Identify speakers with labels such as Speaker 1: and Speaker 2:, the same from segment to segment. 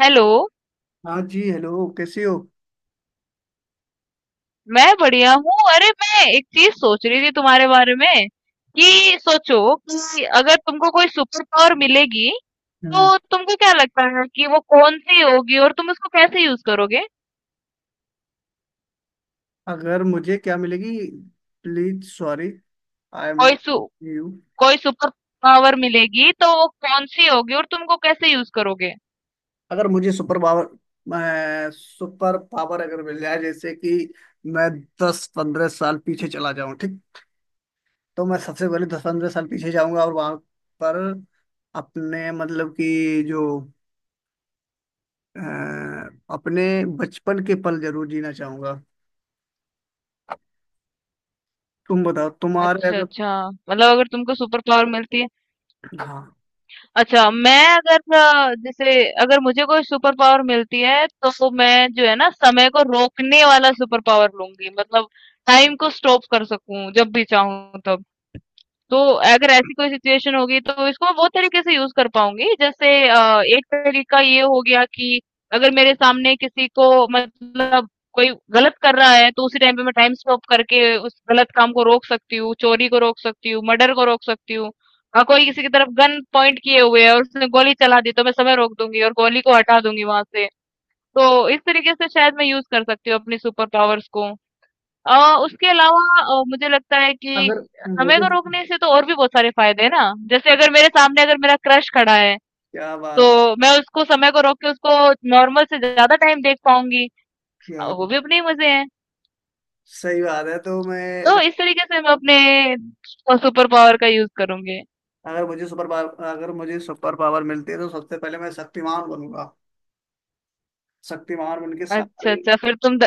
Speaker 1: Hello.
Speaker 2: हाँ जी, hello. कैसी हो?
Speaker 1: मैं बढ़िया हूँ। अरे, मैं एक चीज सोच रही थी तुम्हारे बारे में कि सोचो कि अगर तुमको कोई सुपर पावर मिलेगी
Speaker 2: हम्म।
Speaker 1: तो तुमको क्या लगता है कि वो कौन सी होगी और तुम उसको कैसे यूज करोगे?
Speaker 2: अगर मुझे क्या मिलेगी? Please sorry. आई एम
Speaker 1: कोई सु,
Speaker 2: नॉट। यू।
Speaker 1: कोई सुपर पावर मिलेगी तो वो कौन सी होगी और तुमको कैसे यूज करोगे?
Speaker 2: अगर मुझे सुपर पावर। मैं सुपर पावर अगर मिल जाए, जैसे कि मैं 10-15 साल पीछे चला जाऊं, ठीक। तो मैं सबसे पहले 10-15 साल पीछे जाऊंगा और वहां पर अपने मतलब कि जो अ, अपने बचपन के पल जरूर जीना चाहूंगा। तुम बताओ, तुम्हारे
Speaker 1: अच्छा,
Speaker 2: अगर।
Speaker 1: अच्छा, मतलब अगर तुमको सुपर पावर मिलती है।
Speaker 2: हाँ।
Speaker 1: अच्छा, मैं अगर जैसे अगर मुझे कोई सुपर पावर मिलती है तो मैं जो है ना समय को रोकने वाला सुपर पावर लूंगी, मतलब टाइम को स्टॉप कर सकूं जब भी चाहूं तब। तो अगर ऐसी कोई सिचुएशन होगी तो इसको बहुत तरीके से यूज़ कर पाऊँगी। जैसे एक तरीका ये हो गया कि अगर मेरे सामने किसी को मतलब कोई गलत कर रहा है तो उसी टाइम पे मैं टाइम स्टॉप करके उस गलत काम को रोक सकती हूँ, चोरी को रोक सकती हूँ, मर्डर को रोक सकती हूँ। कोई किसी की तरफ गन पॉइंट किए हुए है और उसने गोली चला दी तो मैं समय रोक दूँगी और गोली को हटा दूँगी वहाँ से। तो इस तरीके से शायद मैं यूज़ कर सकती हूँ अपनी सुपर पावर्स को। अ, उसके अलावा मुझे लगता है कि
Speaker 2: अगर
Speaker 1: समय
Speaker 2: मुझे।
Speaker 1: को रोकने से तो और भी बहुत सारे फायदे हैं ना। जैसे अगर मेरे सामने अगर मेरा क्रश खड़ा है,
Speaker 2: क्या बात।
Speaker 1: तो मैं उसको समय को रोक के उसको नॉर्मल से ज़्यादा टाइम देख पाऊँगी।
Speaker 2: क्या।
Speaker 1: वो भी अपने ही मज़े हैं।
Speaker 2: सही बात है, तो
Speaker 1: तो
Speaker 2: मैं।
Speaker 1: इस तरीके से मैं अपने सुपर पावर का यूज़ करूँगी।
Speaker 2: अगर मुझे सुपर पावर मिलती है तो सबसे पहले मैं शक्तिमान बनूंगा। शक्तिमान बन के
Speaker 1: अच्छा,
Speaker 2: सारे।
Speaker 1: अच्छा, फिर तुम द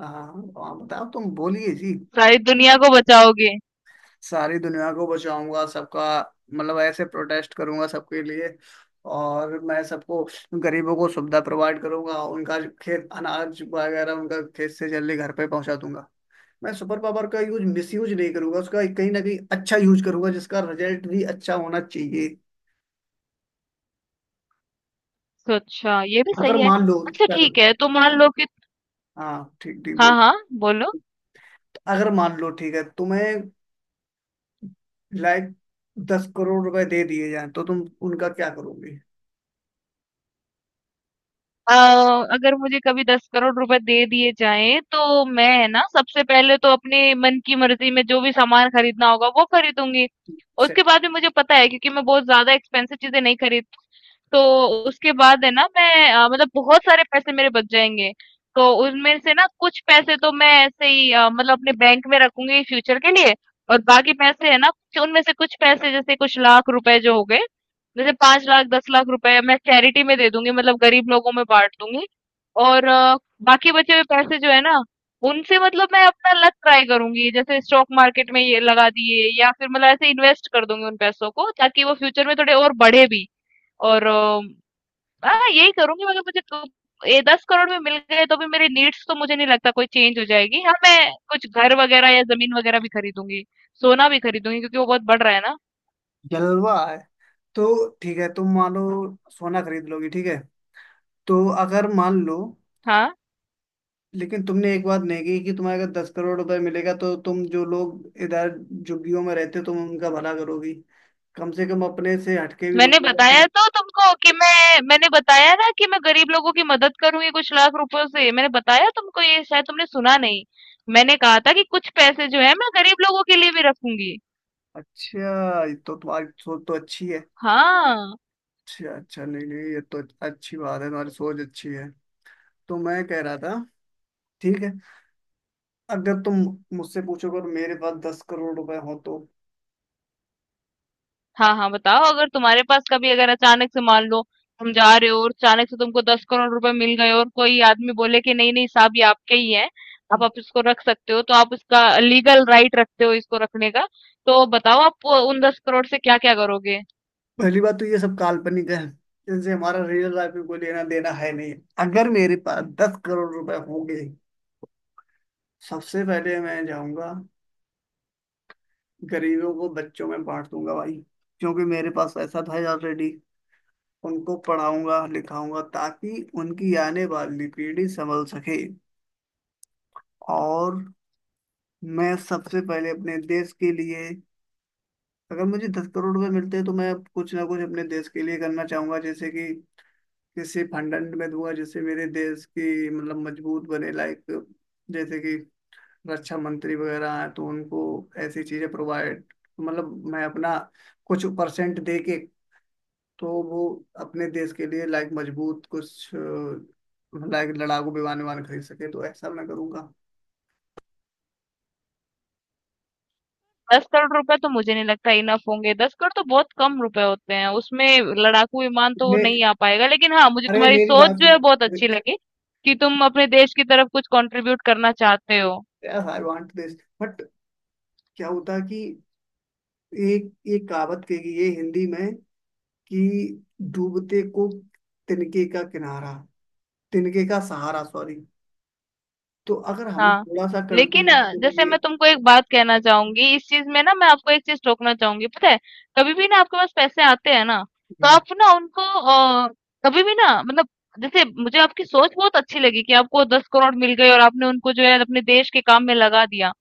Speaker 2: हाँ, हाँ, बताओ। तुम बोलिए जी।
Speaker 1: सारी दुनिया को बचाओगे।
Speaker 2: सारी दुनिया को बचाऊंगा सबका। मतलब ऐसे प्रोटेस्ट करूंगा सबके लिए। और मैं सबको। गरीबों को सुविधा प्रोवाइड करूंगा, उनका खेत अनाज वगैरह उनका खेत से जल्दी घर पे पहुंचा दूंगा। मैं सुपर पावर का यूज मिस यूज नहीं करूंगा, उसका कहीं ना कहीं अच्छा यूज करूंगा जिसका रिजल्ट भी अच्छा होना चाहिए।
Speaker 1: तो अच्छा, ये भी
Speaker 2: अगर
Speaker 1: सही है।
Speaker 2: मान लो।
Speaker 1: अच्छा,
Speaker 2: क्या।
Speaker 1: ठीक है, तो मान लो कि
Speaker 2: हाँ, ठीक ठीक
Speaker 1: हाँ,
Speaker 2: बोल।
Speaker 1: हाँ, बोलो।
Speaker 2: अगर मान लो ठीक है, तुम्हें लाइक 10 करोड़ रुपए दे दिए जाएं तो तुम उनका क्या करोगे?
Speaker 1: अ, अगर मुझे कभी 10 करोड़ रुपए दे दिए जाएँ, तो मैं है ना सबसे पहले तो अपने मन की मर्ज़ी में जो भी सामान खरीदना होगा वो खरीदूँगी।
Speaker 2: से-
Speaker 1: उसके बाद भी मुझे पता है क्योंकि मैं बहुत ज़्यादा एक्सपेंसिव चीज़ें नहीं खरीदती, तो उसके बाद है ना मैं मतलब बहुत सारे पैसे मेरे बच जाएंगे। तो उनमें से ना कुछ पैसे तो मैं ऐसे ही मतलब अपने बैंक में रखूंगी फ्यूचर के लिए, और बाकी पैसे है ना उनमें से कुछ पैसे, जैसे कुछ लाख रुपए जो हो गए, जैसे पांच लाख दस लाख रुपए मैं चैरिटी में दे दूंगी, मतलब गरीब लोगों में बांट दूंगी। और बाकी बचे हुए पैसे जो है ना, उनसे मतलब मैं अपना लक ट्राई करूंगी, जैसे स्टॉक मार्केट में ये लगा दिए, या फिर मतलब ऐसे इन्वेस्ट कर दूंगी उन पैसों को ताकि वो फ्यूचर में थोड़े और बढ़े भी। और हाँ, यही करूंगी। मगर मुझे तो ये दस करोड़ में मिल गए तो भी मेरी नीड्स तो मुझे नहीं लगता कोई चेंज हो जाएगी। हाँ, मैं कुछ घर वगैरह या जमीन वगैरह भी खरीदूंगी, सोना भी खरीदूंगी क्योंकि वो बहुत बढ़ रहा है ना।
Speaker 2: जलवा है। तो ठीक है, तुम मान लो। सोना खरीद लोगी, ठीक है। तो। अगर मान लो।
Speaker 1: हाँ,
Speaker 2: लेकिन तुमने एक बात नहीं की कि तुम्हें अगर 10 करोड़ रुपए मिलेगा तो तुम जो लोग इधर झुग्गियों में रहते हो तुम उनका भला करोगी। कम से कम अपने से हटके भी
Speaker 1: मैंने
Speaker 2: लोगों का।
Speaker 1: बताया तो तुमको कि मैंने बताया ना कि मैं गरीब लोगों की मदद करूंगी कुछ लाख रुपयों से। मैंने बताया तुमको, ये शायद तुमने सुना नहीं। मैंने कहा था कि कुछ पैसे जो है मैं गरीब लोगों के लिए भी रखूंगी।
Speaker 2: अच्छा, ये तो तुम्हारी सोच तो अच्छी है।
Speaker 1: हाँ,
Speaker 2: अच्छा अच्छा, नहीं नहीं, ये तो। अच्छी बात है, तुम्हारी सोच अच्छी है। तो मैं कह रहा था। ठीक है। अगर तुम मुझसे पूछोगे और मेरे पास 10 करोड़ रुपए हो तो।
Speaker 1: हाँ, हाँ, बताओ। अगर तुम्हारे पास कभी अगर अचानक से मान लो तुम जा रहे हो और अचानक से तुमको दस करोड़ रुपए मिल गए और कोई आदमी बोले कि नहीं नहीं साहब ये आपके ही है, आप इसको रख सकते हो, तो आप इसका लीगल राइट रखते हो इसको रखने का। तो बताओ, आप उन दस करोड़ से क्या क्या करोगे?
Speaker 2: पहली बात तो ये सब काल्पनिक है। इनसे हमारा रियल लाइफ में कोई लेना देना है नहीं। अगर मेरे पास 10 करोड़ रुपए होंगे। सबसे पहले मैं जाऊंगा। गरीबों को बच्चों में बांट दूंगा भाई। क्योंकि मेरे पास पैसा था ऑलरेडी। उनको पढ़ाऊंगा लिखाऊंगा ताकि उनकी आने वाली पीढ़ी संभल सके। और मैं सबसे पहले अपने देश के लिए। अगर मुझे 10 करोड़ रुपए मिलते हैं तो मैं कुछ ना कुछ अपने देश के लिए करना चाहूंगा, जैसे कि। किसी फंड अंड में दूंगा जिससे मेरे देश की मतलब मजबूत बने, लाइक। जैसे कि। रक्षा मंत्री वगैरह हैं तो उनको। ऐसी चीजें प्रोवाइड। मतलब मैं अपना। कुछ परसेंट दे के। तो वो। अपने देश के लिए लाइक मजबूत, कुछ लाइक लड़ाकू विमान विमान खरीद सके, तो ऐसा मैं करूंगा।
Speaker 1: दस करोड़ रुपए तो मुझे नहीं लगता इनफ होंगे। दस करोड़ तो बहुत कम रुपए होते हैं। उसमें लड़ाकू विमान तो
Speaker 2: ने।
Speaker 1: नहीं आ पाएगा, लेकिन हाँ, मुझे
Speaker 2: अरे
Speaker 1: तुम्हारी
Speaker 2: मेरी
Speaker 1: सोच
Speaker 2: बात
Speaker 1: जो है
Speaker 2: सुनो।
Speaker 1: बहुत अच्छी लगी कि तुम अपने देश की तरफ कुछ कंट्रीब्यूट करना चाहते हो।
Speaker 2: Yes I want this. But. क्या होता है कि। एक एक कहावत कही है हिंदी में कि। डूबते को। तिनके का किनारा। तिनके का सहारा, सॉरी। तो अगर हम
Speaker 1: हाँ,
Speaker 2: थोड़ा सा
Speaker 1: लेकिन
Speaker 2: कंट्रीब्यूट
Speaker 1: जैसे
Speaker 2: करेंगे।
Speaker 1: मैं तुमको एक बात कहना चाहूंगी। इस चीज में ना मैं आपको एक चीज टोकना चाहूंगी। पता है, कभी भी ना आपके पास पैसे आते हैं ना, तो आप ना उनको कभी भी ना, मतलब जैसे मुझे आपकी सोच बहुत अच्छी लगी कि आपको दस करोड़ मिल गए और आपने उनको जो है अपने देश के काम में लगा दिया।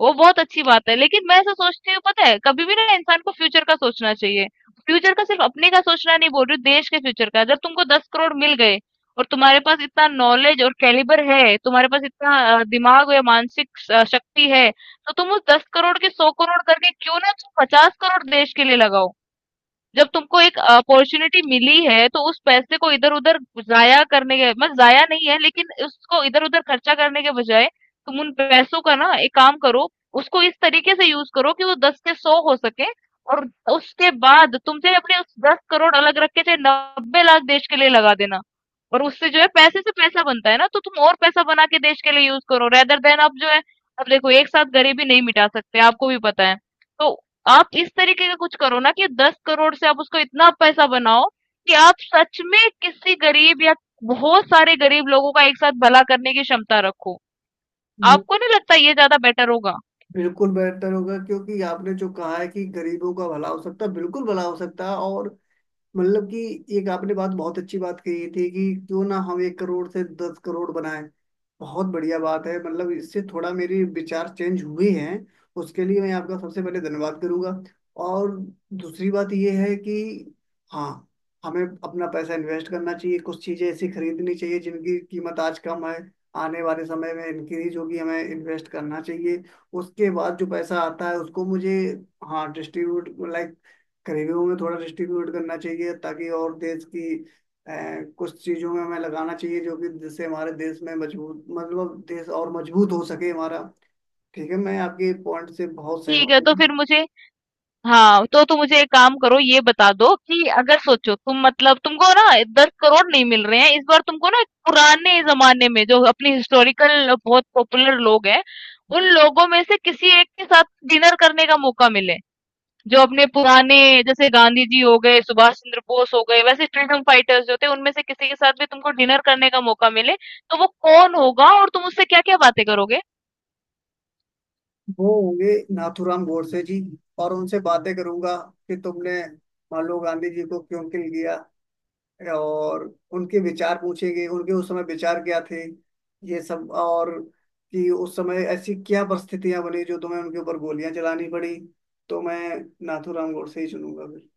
Speaker 1: वो बहुत अच्छी बात है, लेकिन मैं ऐसा सोचती हूँ, पता है, कभी भी ना इंसान को फ्यूचर का सोचना चाहिए। फ्यूचर का सिर्फ अपने का सोचना नहीं बोल रही हूँ, देश के फ्यूचर का। जब तुमको 10 करोड़ मिल गए और तुम्हारे पास इतना नॉलेज और कैलिबर है, तुम्हारे पास इतना दिमाग या मानसिक शक्ति है, तो तुम उस 10 करोड़ के 100 करोड़ करके क्यों ना तुम 50 करोड़ देश के लिए लगाओ। जब तुमको एक अपॉर्चुनिटी मिली है तो उस पैसे को इधर-उधर जाया करने के, मतलब जाया नहीं है, लेकिन उसको इधर-उधर खर्चा करने के बजाय तुम उन पैसों का ना एक काम करो, उसको इस तरीके से यूज़ करो कि वो 10 से 100 हो सके, और उसके बाद तुम चाहे अपने उस 10 करोड़ अलग रख के चाहे 90 लाख देश के लिए लगा देना। और उससे जो है पैसे से पैसा बनता है ना, तो तुम और पैसा बना के देश के लिए यूज़ करो, रेदर देन आप जो है, अब देखो एक साथ गरीबी नहीं मिटा सकते, आपको भी पता है। तो आप इस तरीके का कुछ करो ना कि 10 करोड़ से आप उसको इतना पैसा बनाओ कि आप सच में किसी गरीब या बहुत सारे गरीब लोगों का एक साथ भला करने की क्षमता रखो।
Speaker 2: ये
Speaker 1: आपको
Speaker 2: तो
Speaker 1: नहीं लगता ये ज्यादा बेटर होगा?
Speaker 2: बिल्कुल बेहतर होगा क्योंकि आपने जो कहा है कि गरीबों का भला हो सकता है, बिल्कुल भला हो सकता है, और। मतलब कि। एक आपने बात, बहुत अच्छी बात कही थी कि क्यों ना हम 1 करोड़ से 10 करोड़ बनाएं। बहुत बढ़िया बात है, मतलब इससे थोड़ा मेरे विचार चेंज हुए हैं। उसके लिए मैं आपका सबसे पहले धन्यवाद करूंगा। और। दूसरी बात यह है कि। हाँ। हमें अपना पैसा इन्वेस्ट करना चाहिए, कुछ चीज़ें ऐसी खरीदनी चाहिए जिनकी कीमत आज कम है। आने वाले समय में इंक्रीज होगी, हमें इन्वेस्ट करना चाहिए। उसके बाद जो पैसा आता है उसको मुझे। हाँ डिस्ट्रीब्यूट, लाइक। गरीबों में थोड़ा डिस्ट्रीब्यूट करना चाहिए ताकि और देश की। अ, कुछ चीजों में हमें लगाना चाहिए जो कि जिससे हमारे देश में मजबूत, मतलब देश और मजबूत हो सके हमारा। ठीक है, मैं आपके पॉइंट से बहुत
Speaker 1: ठीक
Speaker 2: सहमत
Speaker 1: है, तो
Speaker 2: हूँ।
Speaker 1: फिर मुझे, हाँ, तो तुम मुझे एक काम करो, ये बता दो कि अगर सोचो तुम, मतलब तुमको ना दस करोड़ नहीं मिल रहे हैं इस बार, तुमको ना पुराने जमाने में जो अपनी हिस्टोरिकल बहुत पॉपुलर लोग हैं, उन लोगों में से किसी एक के साथ डिनर करने का मौका मिले, जो अपने पुराने, जैसे गांधी जी हो गए, सुभाष चंद्र बोस हो गए, वैसे फ्रीडम फाइटर्स जो थे, उनमें से किसी के साथ भी तुमको डिनर करने का मौका मिले, तो वो कौन होगा और तुम उससे क्या-क्या बातें करोगे?
Speaker 2: वो होंगे नाथूराम गोडसे जी। और उनसे बातें करूंगा। कि तुमने। मान लो गांधी जी को क्यों किल किया। और उनके विचार पूछेंगे, उनके उस समय विचार क्या थे। ये सब और। कि उस समय ऐसी क्या परिस्थितियां बनी जो तुम्हें उनके ऊपर गोलियां चलानी पड़ी। तो मैं। नाथूराम गोडसे ही चुनूंगा फिर।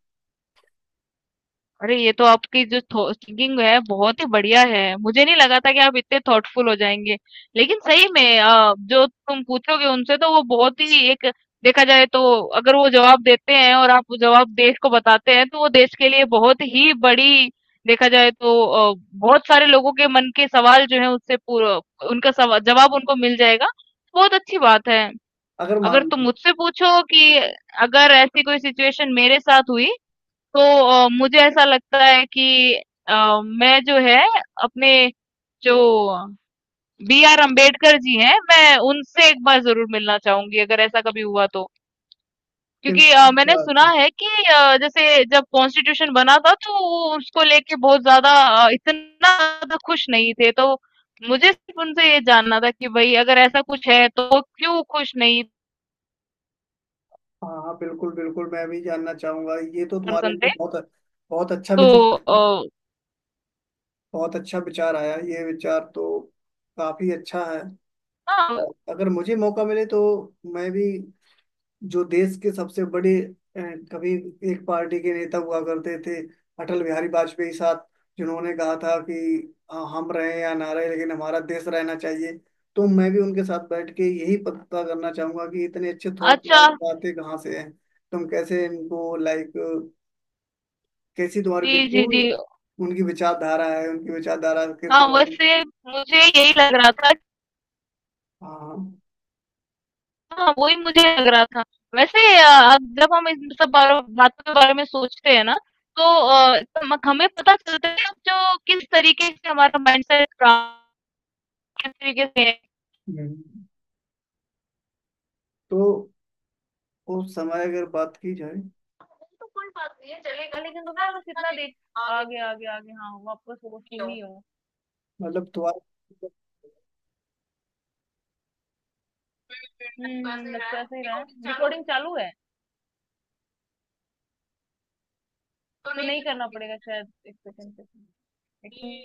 Speaker 1: अरे, ये तो आपकी जो थिंकिंग है बहुत ही बढ़िया है, मुझे नहीं लगा था कि आप इतने थॉटफुल हो जाएंगे। लेकिन सही में जो तुम पूछोगे उनसे, तो वो बहुत ही एक, देखा जाए तो अगर वो जवाब देते हैं और आप वो जवाब देश को बताते हैं, तो वो देश के लिए बहुत ही बड़ी, देखा जाए तो बहुत सारे लोगों के मन के सवाल जो है उससे पूरा, उनका जवाब उनको मिल जाएगा। बहुत अच्छी बात है।
Speaker 2: अगर
Speaker 1: अगर
Speaker 2: मान
Speaker 1: तुम
Speaker 2: लो।
Speaker 1: मुझसे पूछो कि अगर ऐसी कोई सिचुएशन मेरे साथ हुई, तो मुझे ऐसा लगता है कि अ, मैं जो है अपने जो बी आर अम्बेडकर जी हैं, मैं उनसे एक बार जरूर मिलना चाहूंगी अगर ऐसा कभी हुआ तो,
Speaker 2: कि
Speaker 1: क्योंकि
Speaker 2: इंसान
Speaker 1: मैंने
Speaker 2: क्या
Speaker 1: सुना
Speaker 2: था।
Speaker 1: है कि जैसे जब कॉन्स्टिट्यूशन बना था, तो वो उसको लेके बहुत ज्यादा, इतना ज्यादा खुश नहीं थे। तो मुझे सिर्फ उनसे ये जानना था कि भाई, अगर ऐसा कुछ है तो वो क्यों खुश नहीं
Speaker 2: हाँ हाँ, बिल्कुल बिल्कुल, मैं भी जानना चाहूंगा, ये तो तुम्हारे
Speaker 1: पर्सन थे।
Speaker 2: अंदर बहुत। बहुत अच्छा
Speaker 1: तो
Speaker 2: विचार
Speaker 1: अ,
Speaker 2: आया। बहुत अच्छा विचार आया, ये विचार तो काफी अच्छा है।
Speaker 1: हाँ,
Speaker 2: और अगर मुझे मौका मिले तो। मैं भी। जो देश के सबसे बड़े। अ, कभी। एक पार्टी के नेता हुआ करते थे। अटल बिहारी वाजपेयी साहब। जिन्होंने कहा था कि। हम रहे या ना रहे लेकिन हमारा देश रहना चाहिए। तो मैं भी उनके साथ बैठ के यही पता करना चाहूंगा कि इतने अच्छे थॉट
Speaker 1: अच्छा,
Speaker 2: आते कहाँ से हैं। तुम कैसे इनको, लाइक। कैसी तुम्हारी
Speaker 1: जी जी जी।
Speaker 2: उनकी विचारधारा है, उनकी विचारधारा किस
Speaker 1: हाँ,
Speaker 2: तरह की।
Speaker 1: वैसे मुझे यही लग रहा था।
Speaker 2: हाँ।
Speaker 1: हाँ, वही मुझे लग रहा था। वैसे जब हम इन सब बारो बातों के बारे में सोचते हैं ना, तो म हमें पता चलता है जो किस तरीके से हमारा माइंडसेट किस तरीके से है।
Speaker 2: हम्म। तो। उस समय अगर बात की जाए।
Speaker 1: लेकिन तुम ना बस इतना देख आगे, आगे, आगे, हाँ, वापस वो तुम ही हो।
Speaker 2: मतलब तुम्हारा
Speaker 1: हुँ, हुँ, लग तो ऐसा ही रहा है। रिकॉर्डिंग चालू है, तो नहीं करना पड़ेगा शायद 1 सेकंड पे। लेकिन